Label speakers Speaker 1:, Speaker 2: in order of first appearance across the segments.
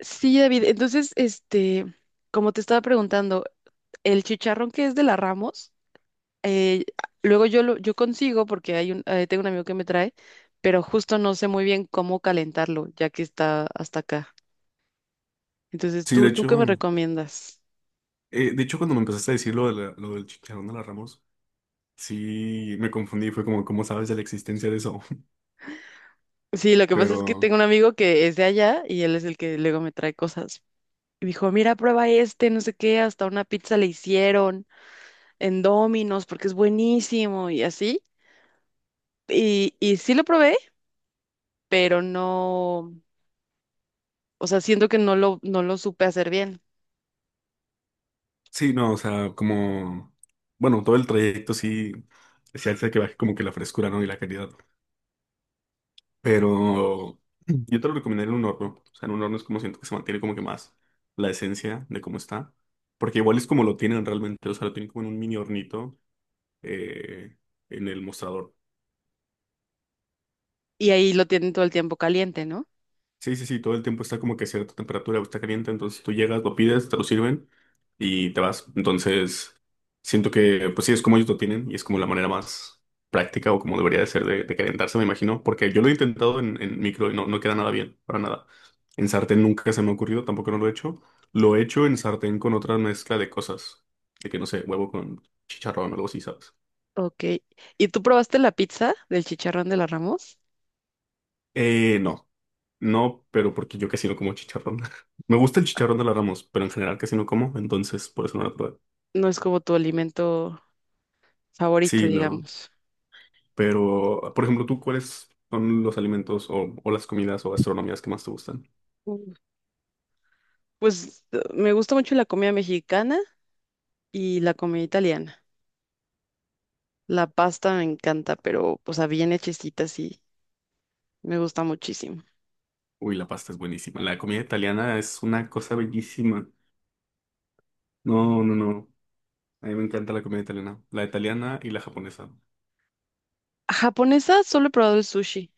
Speaker 1: Sí, David. Entonces, como te estaba preguntando, el chicharrón que es de la Ramos, eh, luego yo consigo porque tengo un amigo que me trae, pero justo no sé muy bien cómo calentarlo, ya que está hasta acá. Entonces,
Speaker 2: Sí,
Speaker 1: ¿tú qué me recomiendas?
Speaker 2: de hecho cuando me empezaste a decir lo del chicharrón de la Ramos, sí me confundí, fue como, ¿cómo sabes de la existencia de eso?
Speaker 1: Sí, lo que pasa es que
Speaker 2: Pero
Speaker 1: tengo un amigo que es de allá y él es el que luego me trae cosas. Y me dijo, mira, prueba este, no sé qué, hasta una pizza le hicieron en Domino's porque es buenísimo y así. Y sí lo probé, pero no. O sea, siento que no lo supe hacer bien.
Speaker 2: sí, no, o sea, como, bueno, todo el trayecto sí, sí hace que baje como que la frescura, ¿no? Y la calidad. Pero yo te lo recomendaría en un horno, o sea, en un horno es como siento que se mantiene como que más la esencia de cómo está, porque igual es como lo tienen realmente, o sea, lo tienen como en un mini hornito eh, en el mostrador.
Speaker 1: Y ahí lo tienen todo el tiempo caliente, ¿no?
Speaker 2: Sí, sí, sí, todo el tiempo está como que a cierta temperatura, está caliente, entonces tú llegas, lo pides, te lo sirven y te vas. Entonces, siento que, pues sí, es como ellos lo tienen y es como la manera más práctica o como debería de ser de calentarse, me imagino, porque yo lo he intentado en micro y no, no queda nada bien, para nada. En sartén nunca se me ha ocurrido, tampoco no lo he hecho. Lo he hecho en sartén con otra mezcla de cosas, de que no sé, huevo con chicharrón o algo así, ¿sabes?
Speaker 1: Ok. ¿Y tú probaste la pizza del chicharrón de la Ramos?
Speaker 2: No. No, pero porque yo casi no como chicharrón. Me gusta el chicharrón de la Ramos, pero en general casi no como, entonces por eso no lo probé.
Speaker 1: No es como tu alimento favorito,
Speaker 2: Sí, no.
Speaker 1: digamos.
Speaker 2: Pero, por ejemplo, ¿tú cuáles son los alimentos o las comidas o gastronomías que más te gustan?
Speaker 1: Mm. Pues me gusta mucho la comida mexicana y la comida italiana. La pasta me encanta, pero, o sea, bien hechecita, sí, me gusta muchísimo.
Speaker 2: Uy, la pasta es buenísima. La comida italiana es una cosa bellísima. No, no, no. A mí me encanta la comida italiana. La italiana y la japonesa.
Speaker 1: Japonesa solo he probado el sushi.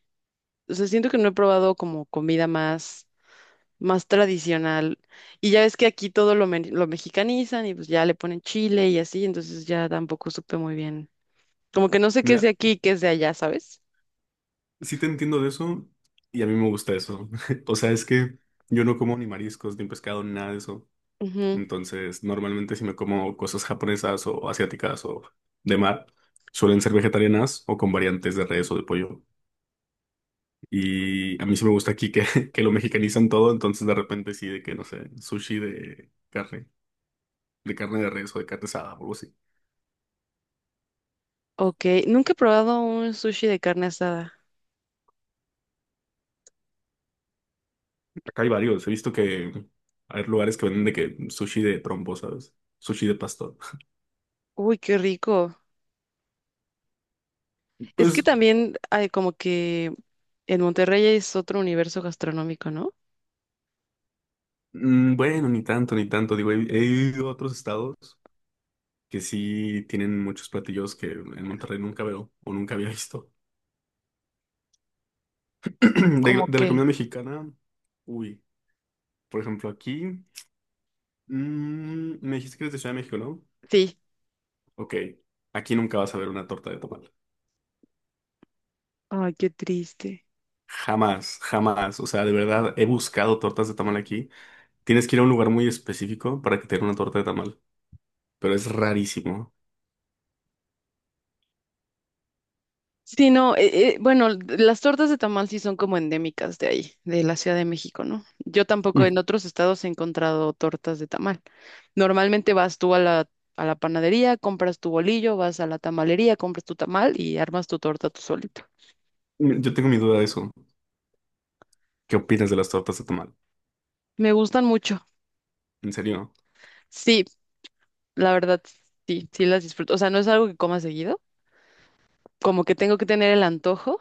Speaker 1: O sea, siento que no he probado como comida más tradicional. Y ya ves que aquí todo lo mexicanizan y pues ya le ponen chile y así, entonces ya tampoco supe muy bien. Como que no sé qué es de
Speaker 2: Mira,
Speaker 1: aquí y qué es de allá, ¿sabes?
Speaker 2: sí te entiendo de eso y a mí me gusta eso. O sea, es que yo no como ni mariscos, ni pescado, ni nada de eso.
Speaker 1: Ujú.
Speaker 2: Entonces, normalmente si me como cosas japonesas o asiáticas o de mar, suelen ser vegetarianas o con variantes de res o de pollo. Y a mí sí me gusta aquí que, que lo mexicanizan todo, entonces de repente sí, de que no sé, sushi de carne, de carne de res o de carne asada o algo así.
Speaker 1: Ok, nunca he probado un sushi de carne asada.
Speaker 2: Acá hay varios, he visto que hay lugares que venden de que sushi de trompo, ¿sabes? Sushi de pastor.
Speaker 1: Uy, qué rico. Es que
Speaker 2: Pues
Speaker 1: también hay como que en Monterrey es otro universo gastronómico, ¿no?
Speaker 2: mm, bueno, ni tanto, ni tanto. Digo, he ido a otros estados que sí tienen muchos platillos que en Monterrey nunca veo o nunca había visto.
Speaker 1: ¿Cómo
Speaker 2: De la
Speaker 1: qué?
Speaker 2: comida mexicana, uy, por ejemplo, aquí, mm, me dijiste que eres de Ciudad de México, ¿no?
Speaker 1: Sí.
Speaker 2: Ok, aquí nunca vas a ver una torta de tamal.
Speaker 1: Ay, qué triste.
Speaker 2: Jamás, jamás. O sea, de verdad, he buscado tortas de tamal aquí. Tienes que ir a un lugar muy específico para que te den una torta de tamal, pero es rarísimo.
Speaker 1: Sí, no, bueno, las tortas de tamal sí son como endémicas de ahí, de la Ciudad de México, ¿no? Yo tampoco en
Speaker 2: Mm,
Speaker 1: otros estados he encontrado tortas de tamal. Normalmente vas tú a la panadería, compras tu bolillo, vas a la tamalería, compras tu tamal y armas tu torta tú solito.
Speaker 2: yo tengo mi duda de eso. ¿Qué opinas de las tortas de tamal?
Speaker 1: Me gustan mucho.
Speaker 2: ¿En serio?
Speaker 1: Sí, la verdad, sí, sí las disfruto. O sea, no es algo que coma seguido, como que tengo que tener el antojo,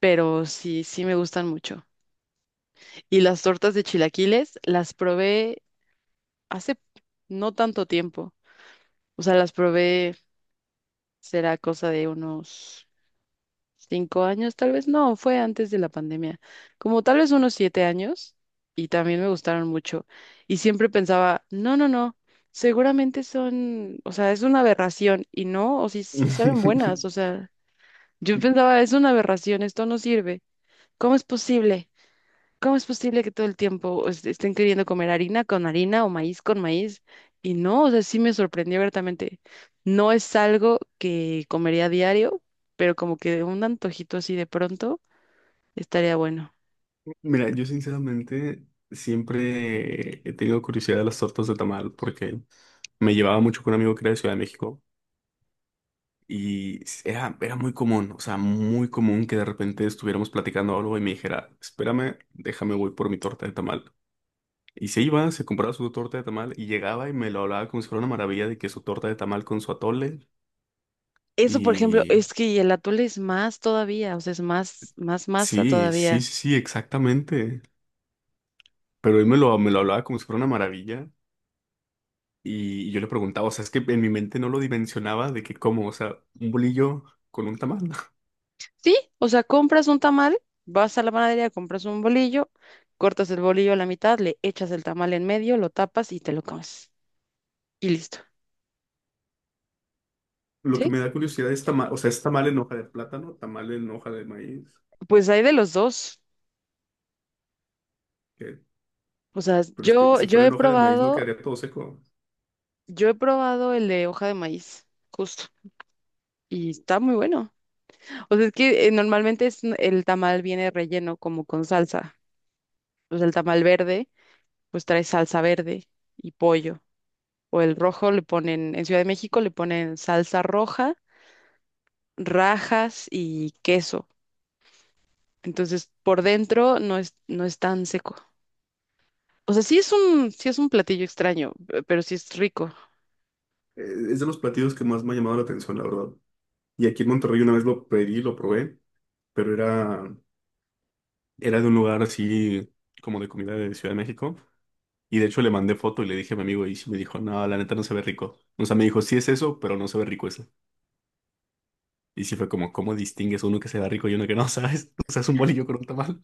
Speaker 1: pero sí, sí me gustan mucho. Y las tortas de chilaquiles las probé hace no tanto tiempo. O sea, las probé, será cosa de unos 5 años, tal vez no, fue antes de la pandemia, como tal vez unos 7 años, y también me gustaron mucho. Y siempre pensaba, no, no, no, seguramente son, o sea, es una aberración, y no, o sí, sí saben buenas, o sea, yo pensaba, es una aberración, esto no sirve, ¿cómo es posible? ¿Cómo es posible que todo el tiempo estén queriendo comer harina con harina o maíz con maíz? Y no, o sea, sí me sorprendió abiertamente. No es algo que comería a diario, pero como que un antojito así de pronto estaría bueno.
Speaker 2: Mira, yo sinceramente siempre he tenido curiosidad de las tortas de tamal porque me llevaba mucho con un amigo que era de Ciudad de México y era muy común, o sea, muy común que de repente estuviéramos platicando algo y me dijera, espérame, déjame voy por mi torta de tamal. Y se iba, se compraba su torta de tamal y llegaba y me lo hablaba como si fuera una maravilla de que su torta de tamal con su atole
Speaker 1: Eso, por ejemplo,
Speaker 2: y
Speaker 1: es que y el atole es más todavía, o sea, más masa
Speaker 2: sí, sí,
Speaker 1: todavía.
Speaker 2: sí, sí, exactamente. Pero él me lo hablaba como si fuera una maravilla. Y yo le preguntaba, o sea, es que en mi mente no lo dimensionaba de que cómo, o sea, un bolillo con un tamal.
Speaker 1: Sí, o sea, compras un tamal, vas a la panadería, compras un bolillo, cortas el bolillo a la mitad, le echas el tamal en medio, lo tapas y te lo comes. Y listo.
Speaker 2: Lo que
Speaker 1: ¿Sí?
Speaker 2: me da curiosidad es tamal, o sea, es tamal en hoja de plátano, tamal en hoja de maíz.
Speaker 1: Pues hay de los dos.
Speaker 2: que-
Speaker 1: O sea,
Speaker 2: Pero es que si fuera en hoja de maíz no quedaría todo seco.
Speaker 1: yo he probado el de hoja de maíz, justo, y está muy bueno. O sea, es que normalmente el tamal viene relleno como con salsa. Pues el tamal verde, pues trae salsa verde y pollo. O el rojo le ponen, en Ciudad de México le ponen salsa roja, rajas y queso. Entonces, por dentro no es tan seco. O sea, sí es un platillo extraño, pero sí es rico.
Speaker 2: Es de los platillos que más me ha llamado la atención, la verdad. Y aquí en Monterrey una vez lo pedí, lo probé, pero era de un lugar así como de comida de Ciudad de México. Y de hecho le mandé foto y le dije a mi amigo y sí me dijo, no, la neta no se ve rico. O sea, me dijo, sí es eso, pero no se ve rico. Y sí fue como, ¿cómo distingues uno que se va rico y uno que no, sabes? O sea, es un bolillo con un tamal.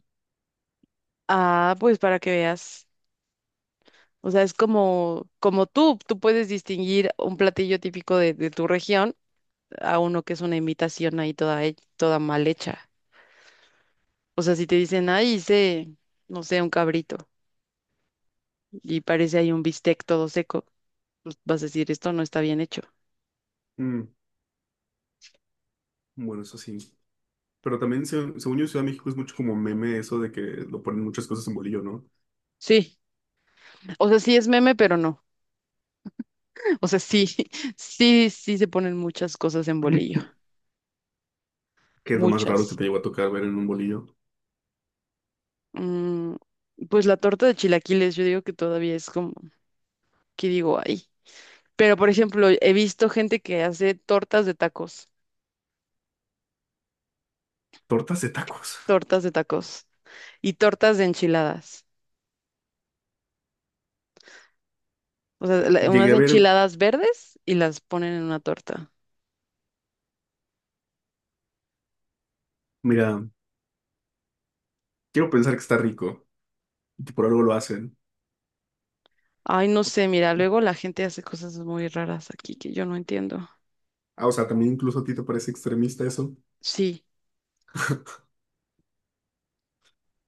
Speaker 1: Ah, pues para que veas. O sea, es como, como tú puedes distinguir un platillo típico de tu región a uno que es una imitación ahí toda, toda mal hecha. O sea, si te dicen, ay, hice, no sé, un cabrito y parece ahí un bistec todo seco, pues vas a decir, esto no está bien hecho.
Speaker 2: Mm, bueno, eso sí. Pero también, según yo, Ciudad de México es mucho como meme eso de que lo ponen muchas cosas en bolillo, ¿no?
Speaker 1: Sí, o sea, sí es meme, pero no. O sea, sí, sí, sí se ponen muchas cosas en bolillo,
Speaker 2: Que es lo más raro que
Speaker 1: muchas.
Speaker 2: te llegó a tocar ver en un bolillo.
Speaker 1: Mm, pues la torta de chilaquiles, yo digo que todavía es como, que digo, ay. Pero, por ejemplo, he visto gente que hace
Speaker 2: Tortas de tacos.
Speaker 1: tortas de tacos y tortas de enchiladas. O sea,
Speaker 2: Llegué
Speaker 1: unas
Speaker 2: a ver,
Speaker 1: enchiladas verdes y las ponen en una torta.
Speaker 2: mira, quiero pensar que está rico. Y que Por algo lo hacen.
Speaker 1: Ay, no sé, mira, luego la gente hace cosas muy raras aquí que yo no entiendo.
Speaker 2: Ah, o sea, también incluso a ti te parece extremista eso.
Speaker 1: Sí.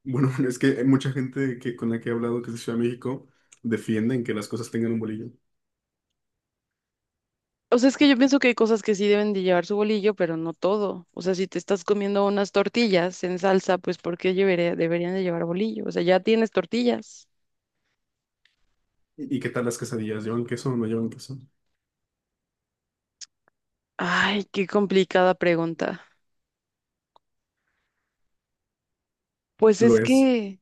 Speaker 2: Bueno, es que hay mucha gente que, con la que he hablado que es de Ciudad de México, defienden que las cosas tengan un bolillo.
Speaker 1: O sea, es que yo pienso que hay cosas que sí deben de llevar su bolillo, pero no todo. O sea, si te estás comiendo unas tortillas en salsa, pues ¿por qué deberían de llevar bolillo? O sea, ya tienes tortillas.
Speaker 2: Y qué tal las quesadillas? ¿Llevan queso o no llevan queso?
Speaker 1: Ay, qué complicada pregunta. Pues
Speaker 2: Lo
Speaker 1: es
Speaker 2: es.
Speaker 1: que,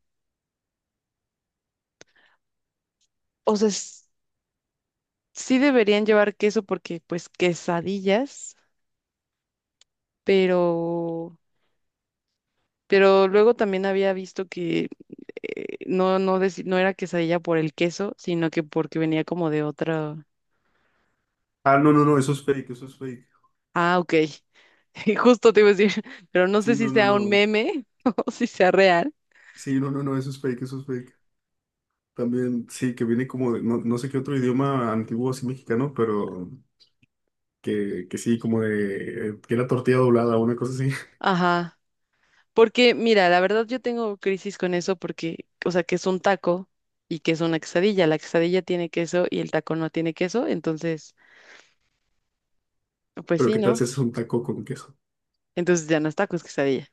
Speaker 1: o sea, sí deberían llevar queso porque pues quesadillas, pero luego también había visto que no era quesadilla por el queso, sino que porque venía como de otra.
Speaker 2: Ah, no, no, no, eso es fake, eso es fake.
Speaker 1: Ah, ok. Y justo te iba a decir, pero no
Speaker 2: Sí,
Speaker 1: sé si
Speaker 2: no, no,
Speaker 1: sea un
Speaker 2: no.
Speaker 1: meme o si sea real.
Speaker 2: Sí, no, no, no, eso es fake, eso es fake. También, sí, que viene como de, no, no sé qué otro idioma antiguo así mexicano, pero que sí, como de, que era tortilla doblada o una cosa así.
Speaker 1: Ajá. Porque mira, la verdad yo tengo crisis con eso porque o sea, que es un taco y que es una quesadilla. La quesadilla tiene queso y el taco no tiene queso, entonces pues
Speaker 2: Pero
Speaker 1: sí,
Speaker 2: qué tal
Speaker 1: ¿no?
Speaker 2: si es un taco con queso.
Speaker 1: Entonces ya no es taco, es quesadilla.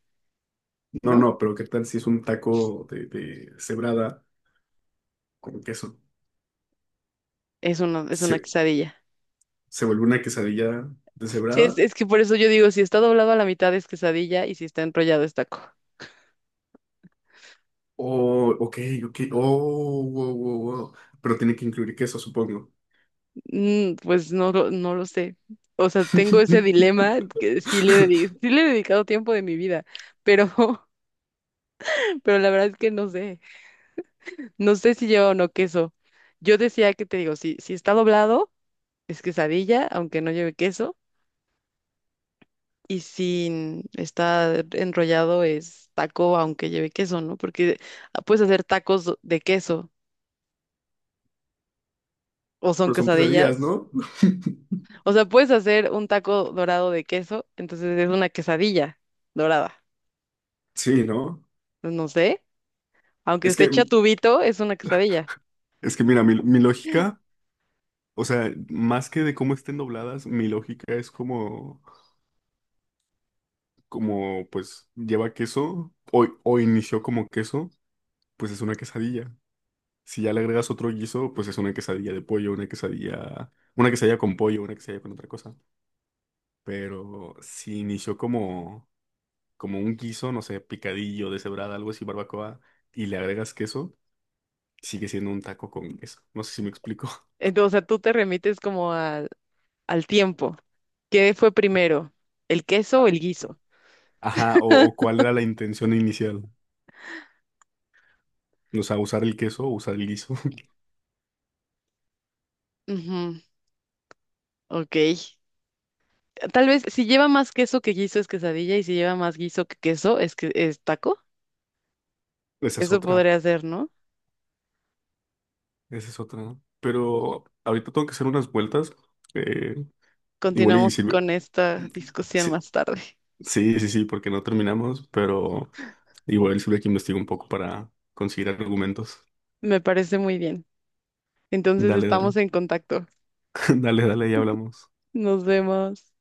Speaker 2: No,
Speaker 1: ¿No?
Speaker 2: no, pero qué tal si es un taco de cebrada con queso.
Speaker 1: Es una
Speaker 2: Se,
Speaker 1: quesadilla.
Speaker 2: se vuelve una quesadilla
Speaker 1: Sí,
Speaker 2: deshebrada.
Speaker 1: es que por eso yo digo, si está doblado a la mitad es quesadilla y si está enrollado es taco.
Speaker 2: Oh, ok, ok. Oh, wow, wow, wow. Pero tiene que incluir queso, supongo.
Speaker 1: Mm, pues no, no lo sé. O sea, tengo ese dilema que sí le he dedicado tiempo de mi vida, pero, pero la verdad es que no sé. No sé si lleva o no queso. Yo decía que te digo, si está doblado es quesadilla, aunque no lleve queso, y si está enrollado es taco, aunque lleve queso, ¿no? Porque puedes hacer tacos de queso. O son
Speaker 2: Pero son quesadillas,
Speaker 1: quesadillas.
Speaker 2: ¿no?
Speaker 1: O sea, puedes hacer un taco dorado de queso, entonces es una quesadilla dorada.
Speaker 2: Sí, ¿no?
Speaker 1: Pues no sé, aunque
Speaker 2: Es
Speaker 1: esté
Speaker 2: que,
Speaker 1: chatubito, es una quesadilla.
Speaker 2: es que mira, mi lógica, o sea, más que de cómo estén dobladas, mi lógica es como, como pues lleva queso o inició como queso, pues es una quesadilla. Si ya le agregas otro guiso, pues es una quesadilla de pollo, una quesadilla con pollo, una quesadilla con otra cosa. Pero si inició como, como un guiso, no sé, picadillo, deshebrada, algo así, barbacoa, y le agregas queso, sigue siendo un taco con queso. No sé si me explico.
Speaker 1: Entonces, o sea, tú te remites como al tiempo. ¿Qué fue primero? ¿El queso o el guiso?
Speaker 2: Ajá, o cuál era la intención inicial. O sea, usar el queso o usar el guiso.
Speaker 1: Ujú, ok. Tal vez si lleva más queso que guiso es quesadilla y si lleva más guiso que queso es que es taco.
Speaker 2: Esa es
Speaker 1: Eso
Speaker 2: otra,
Speaker 1: podría ser, ¿no?
Speaker 2: esa es otra. ¿No? Pero ahorita tengo que hacer unas vueltas. eh, igual y
Speaker 1: Continuamos
Speaker 2: sirve-
Speaker 1: con esta discusión más
Speaker 2: Sí,
Speaker 1: tarde.
Speaker 2: sí, sí, sí, porque no terminamos, pero igual sirve que investigo un poco para conseguir argumentos.
Speaker 1: Me parece muy bien. Entonces
Speaker 2: Dale,
Speaker 1: estamos
Speaker 2: dale,
Speaker 1: en contacto.
Speaker 2: dale, dale, ya hablamos.
Speaker 1: Nos vemos.